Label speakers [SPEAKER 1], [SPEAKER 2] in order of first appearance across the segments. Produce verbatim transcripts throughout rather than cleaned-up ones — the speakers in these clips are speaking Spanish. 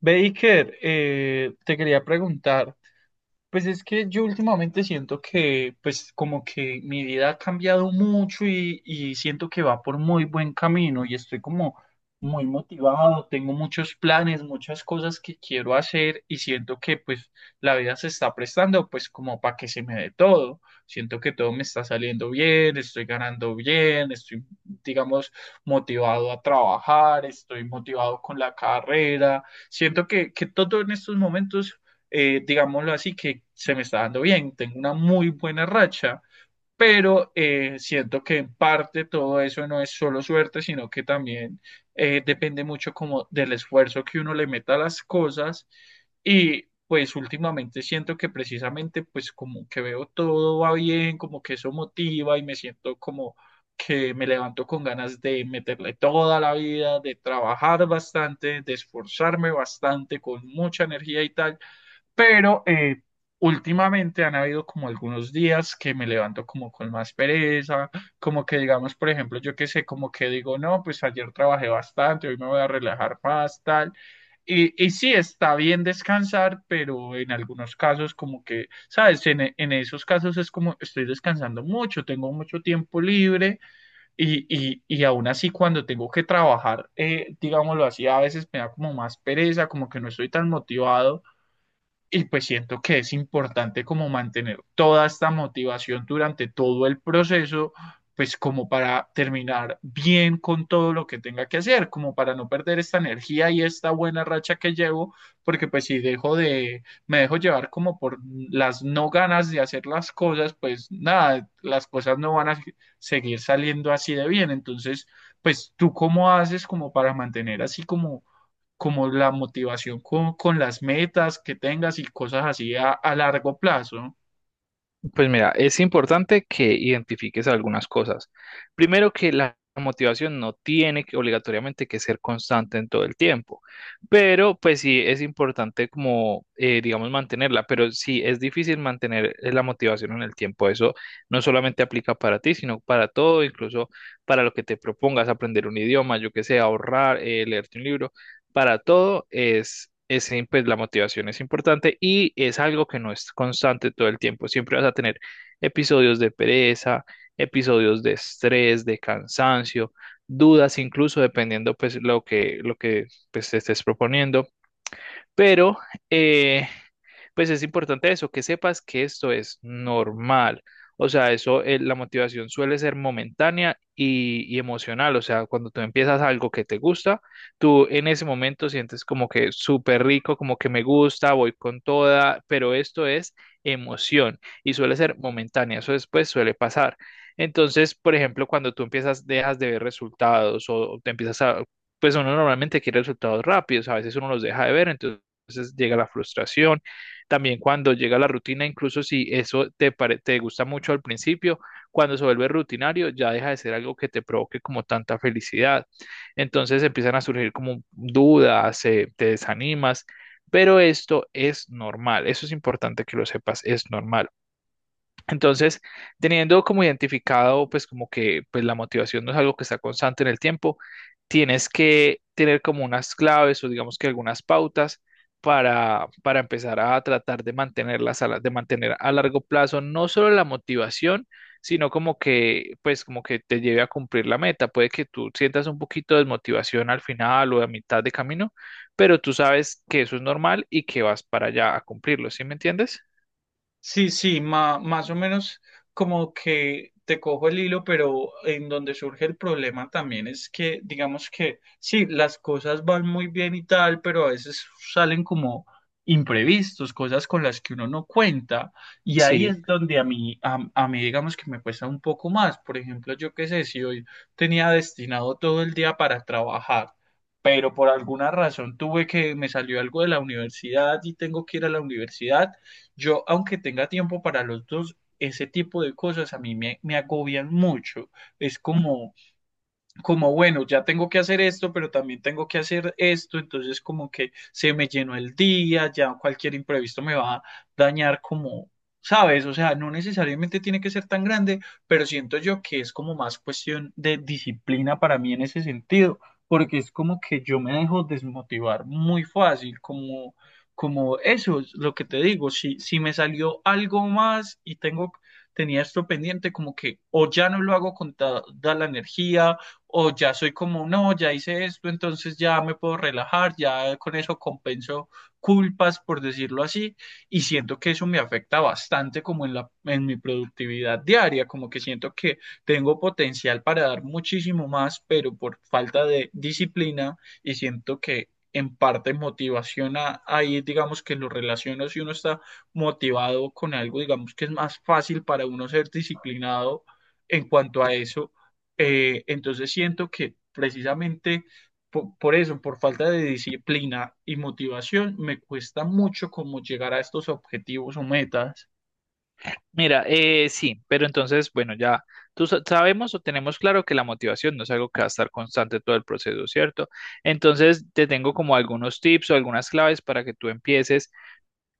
[SPEAKER 1] Baker, eh, te quería preguntar, pues es que yo últimamente siento que, pues como que mi vida ha cambiado mucho y, y siento que va por muy buen camino y estoy como muy motivado, tengo muchos planes, muchas cosas que quiero hacer y siento que pues la vida se está prestando pues como para que se me dé todo. Siento que todo me está saliendo bien, estoy ganando bien, estoy digamos motivado a trabajar, estoy motivado con la carrera. Siento que, que todo en estos momentos eh, digámoslo así, que se me está dando bien, tengo una muy buena racha, pero eh, siento que en parte todo eso no es solo suerte, sino que también eh, depende mucho como del esfuerzo que uno le meta a las cosas y pues últimamente siento que precisamente pues como que veo todo va bien, como que eso motiva y me siento como que me levanto con ganas de meterle toda la vida, de trabajar bastante, de esforzarme bastante con mucha energía y tal, pero eh, últimamente han habido como algunos días que me levanto como con más pereza, como que digamos, por ejemplo, yo qué sé, como que digo, no, pues ayer trabajé bastante, hoy me voy a relajar más, tal. Y, y sí, está bien descansar, pero en algunos casos como que, ¿sabes? En, e- en esos casos es como estoy descansando mucho, tengo mucho tiempo libre y, y, y aún así cuando tengo que trabajar, eh, digámoslo así, a veces me da como más pereza, como que no estoy tan motivado y pues siento que es importante como mantener toda esta motivación durante todo el proceso, pues como para terminar bien con todo lo que tenga que hacer, como para no perder esta energía y esta buena racha que llevo, porque pues si dejo de, me dejo llevar como por las no ganas de hacer las cosas, pues nada, las cosas no van a se- seguir saliendo así de bien. Entonces, pues tú cómo haces como para mantener así como como la motivación con, con las metas que tengas y cosas así a, a largo plazo.
[SPEAKER 2] Pues mira, es importante que identifiques algunas cosas. Primero que la motivación no tiene que obligatoriamente que ser constante en todo el tiempo, pero pues sí es importante como, eh, digamos, mantenerla, pero sí es difícil mantener eh, la motivación en el tiempo. Eso no solamente aplica para ti, sino para todo, incluso para lo que te propongas, aprender un idioma, yo que sé, ahorrar, eh, leerte un libro para todo es, es, eh, pues la motivación es importante y es algo que no es constante todo el tiempo. Siempre vas a tener episodios de pereza, episodios de estrés, de cansancio, dudas, incluso dependiendo pues lo que, lo que pues, te estés proponiendo. Pero eh, pues es importante eso, que sepas que esto es normal. O sea, eso, eh, la motivación suele ser momentánea y, y emocional. O sea, cuando tú empiezas algo que te gusta, tú en ese momento sientes como que súper rico, como que me gusta, voy con toda, pero esto es emoción y suele ser momentánea. Eso después suele pasar. Entonces, por ejemplo, cuando tú empiezas, dejas de ver resultados o te empiezas a, pues uno normalmente quiere resultados rápidos, a veces uno los deja de ver, entonces llega la frustración también cuando llega la rutina, incluso si eso te, pare- te gusta mucho al principio, cuando se vuelve rutinario, ya deja de ser algo que te provoque como tanta felicidad. Entonces empiezan a surgir como dudas, eh, te desanimas, pero esto es normal, eso es importante que lo sepas, es normal. Entonces, teniendo como identificado, pues como que pues, la motivación no es algo que está constante en el tiempo, tienes que tener como unas claves o digamos que algunas pautas para, para empezar a tratar de mantenerlas a la- de mantener a largo plazo no solo la motivación, sino como que pues como que te lleve a cumplir la meta. Puede que tú sientas un poquito de desmotivación al final o a mitad de camino, pero tú sabes que eso es normal y que vas para allá a cumplirlo, ¿sí me entiendes?
[SPEAKER 1] Sí, sí, ma- más o menos como que te cojo el hilo, pero en donde surge el problema también es que, digamos que, sí, las cosas van muy bien y tal, pero a veces salen como imprevistos, cosas con las que uno no cuenta, y ahí
[SPEAKER 2] Sí.
[SPEAKER 1] es donde a mí, a, a mí, digamos que me cuesta un poco más. Por ejemplo, yo qué sé, si hoy tenía destinado todo el día para trabajar, pero por alguna razón tuve que, me salió algo de la universidad y tengo que ir a la universidad, yo, aunque tenga tiempo para los dos, ese tipo de cosas a mí me, me agobian mucho. Es como, como, bueno, ya tengo que hacer esto, pero también tengo que hacer esto, entonces como que se me llenó el día, ya cualquier imprevisto me va a dañar como, ¿sabes? O sea, no necesariamente tiene que ser tan grande, pero siento yo que es como más cuestión de disciplina para mí en ese sentido, porque es como que yo me dejo desmotivar muy fácil, como, como eso es lo que te digo, si, si me salió algo más y tengo... Tenía esto pendiente, como que o ya no lo hago con ta- da la energía, o ya soy como, no, ya hice esto, entonces ya me puedo relajar, ya con eso compenso culpas, por decirlo así, y siento que eso me afecta bastante como en la, en mi productividad diaria, como que siento que tengo potencial para dar muchísimo más, pero por falta de disciplina y siento que en parte motivación a- ahí, digamos que lo relaciono si uno está motivado con algo, digamos que es más fácil para uno ser disciplinado en cuanto a eso, eh, entonces siento que precisamente po- por, eso, por falta de disciplina y motivación, me cuesta mucho como llegar a estos objetivos o metas.
[SPEAKER 2] Mira, eh, sí, pero entonces, bueno, ya tú sa- sabemos o tenemos claro que la motivación no es algo que va a estar constante todo el proceso, ¿cierto? Entonces, te tengo como algunos tips o algunas claves para que tú empieces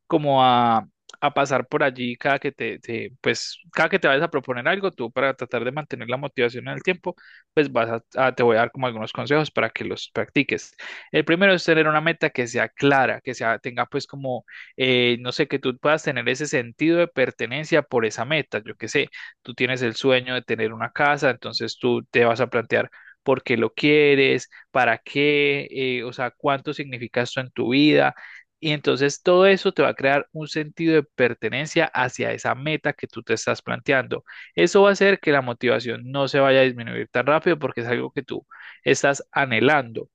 [SPEAKER 2] como a, a pasar por allí cada que te, te- pues, cada que te vayas a proponer algo, tú para tratar de mantener la motivación en el tiempo, pues vas a, a- te voy a dar como algunos consejos para que los practiques. El primero es tener una meta que sea clara, que sea, tenga pues como, eh, no sé, que tú puedas tener ese sentido de pertenencia por esa meta. Yo qué sé, tú tienes el sueño de tener una casa, entonces tú te vas a plantear por qué lo quieres, para qué, eh, o sea, cuánto significa esto en tu vida y entonces todo eso te va a crear un sentido de pertenencia hacia esa meta que tú te estás planteando. Eso va a hacer que la motivación no se vaya a disminuir tan rápido porque es algo que tú estás anhelando.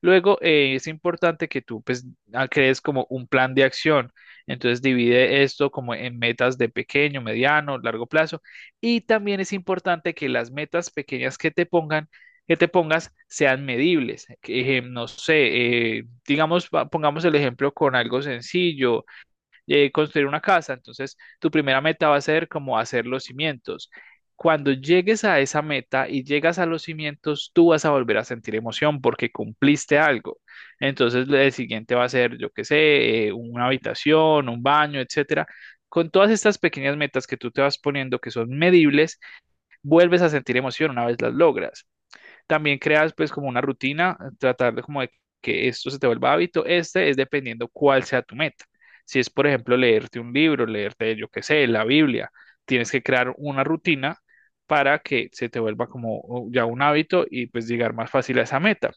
[SPEAKER 2] Luego, eh, es importante que tú pues, ah, crees como un plan de acción. Entonces, divide esto como en metas de pequeño, mediano, largo plazo. Y también es importante que las metas pequeñas que te pongan, que te pongas sean medibles. Que, eh, no sé, eh, digamos, va- pongamos el ejemplo con algo sencillo eh, construir una casa. Entonces, tu primera meta va a ser como hacer los cimientos. Cuando llegues a esa meta y llegas a los cimientos, tú vas a volver a sentir emoción porque cumpliste algo. Entonces, el siguiente va a ser, yo qué sé, eh, una habitación, un baño, etcétera. Con todas estas pequeñas metas que tú te vas poniendo, que son medibles, vuelves a sentir emoción una vez las logras. También creas pues como una rutina, tratar de como de que esto se te vuelva hábito. Este es dependiendo cuál sea tu meta. Si es, por ejemplo, leerte un libro, leerte, yo qué sé, la Biblia, tienes que crear una rutina para que se te vuelva como uh, ya un hábito y pues llegar más fácil a esa meta.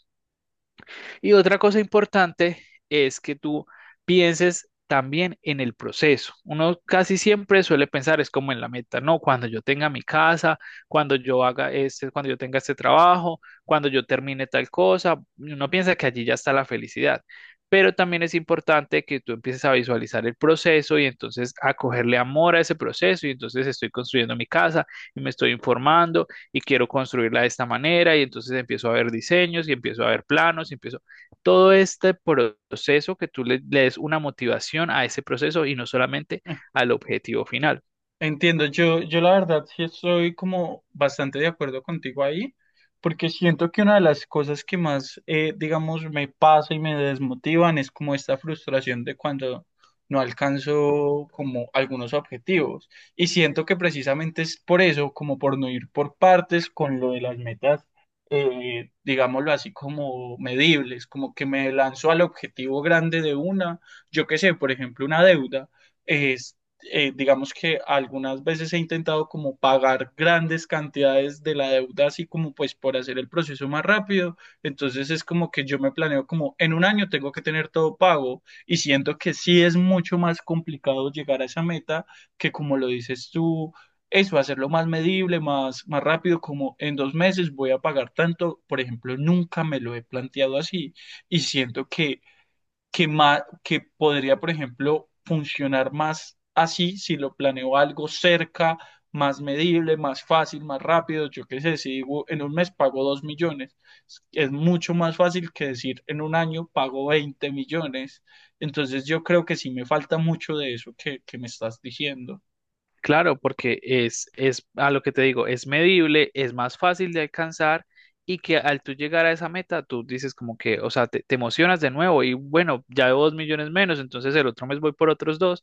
[SPEAKER 2] Y otra cosa importante es que tú pienses también en el proceso. Uno casi siempre suele pensar es como en la meta, ¿no? Cuando yo tenga mi casa, cuando yo haga este, cuando yo tenga este trabajo, cuando yo termine tal cosa, uno piensa que allí ya está la felicidad. Pero también es importante que tú empieces a visualizar el proceso y entonces a cogerle amor a ese proceso y entonces estoy construyendo mi casa y me estoy informando y quiero construirla de esta manera y entonces empiezo a ver diseños y empiezo a ver planos y empiezo todo este proceso que tú le, le des una motivación a ese proceso y no solamente al objetivo final.
[SPEAKER 1] Entiendo, yo, yo la verdad sí estoy como bastante de acuerdo contigo ahí, porque siento que una de las cosas que más, eh, digamos, me pasa y me desmotivan es como esta frustración de cuando no alcanzo como algunos objetivos. Y siento que precisamente es por eso, como por no ir por partes con lo de las metas, eh, digámoslo así, como medibles, como que me lanzo al objetivo grande de una, yo qué sé, por ejemplo, una deuda. Eh, digamos que algunas veces he intentado como pagar grandes cantidades de la deuda, así como pues por hacer el proceso más rápido. Entonces es como que yo me planeo como en un año tengo que tener todo pago y siento que sí es mucho más complicado llegar a esa meta que como lo dices tú, eso, hacerlo más medible, más, más rápido, como en dos meses voy a pagar tanto, por ejemplo, nunca me lo he planteado así y siento que que, ma- que podría, por ejemplo, funcionar más así si lo planeo algo cerca, más medible, más fácil, más rápido. Yo qué sé, si digo en un mes pago dos millones, es es mucho más fácil que decir en un año pago veinte millones. Entonces yo creo que sí me falta mucho de eso que, que me estás diciendo.
[SPEAKER 2] Claro, porque es, es a lo que te digo, es medible, es más fácil de alcanzar y que al tú llegar a esa meta, tú dices como que, o sea, te, te emocionas de nuevo y bueno, ya debo dos millones menos, entonces el otro mes voy por otros dos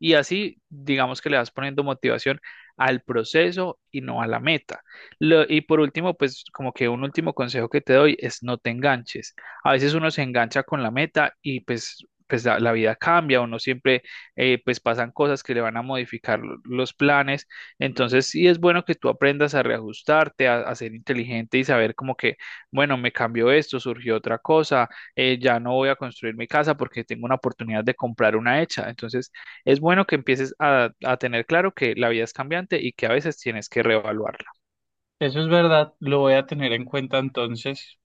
[SPEAKER 2] y así digamos que le vas poniendo motivación al proceso y no a la meta. Lo- y por último, pues como que un último consejo que te doy es no te enganches. A veces uno se engancha con la meta y pues, pues la la vida cambia, uno siempre eh, pues pasan cosas que le van a modificar lo- los planes. Entonces, sí es bueno que tú aprendas a reajustarte, a, a ser inteligente y saber como que, bueno, me cambió esto, surgió otra cosa, eh, ya no voy a construir mi casa porque tengo una oportunidad de comprar una hecha. Entonces, es bueno que empieces a, a tener claro que la vida es cambiante y que a veces tienes que reevaluarla.
[SPEAKER 1] Eso es verdad, lo voy a tener en cuenta entonces.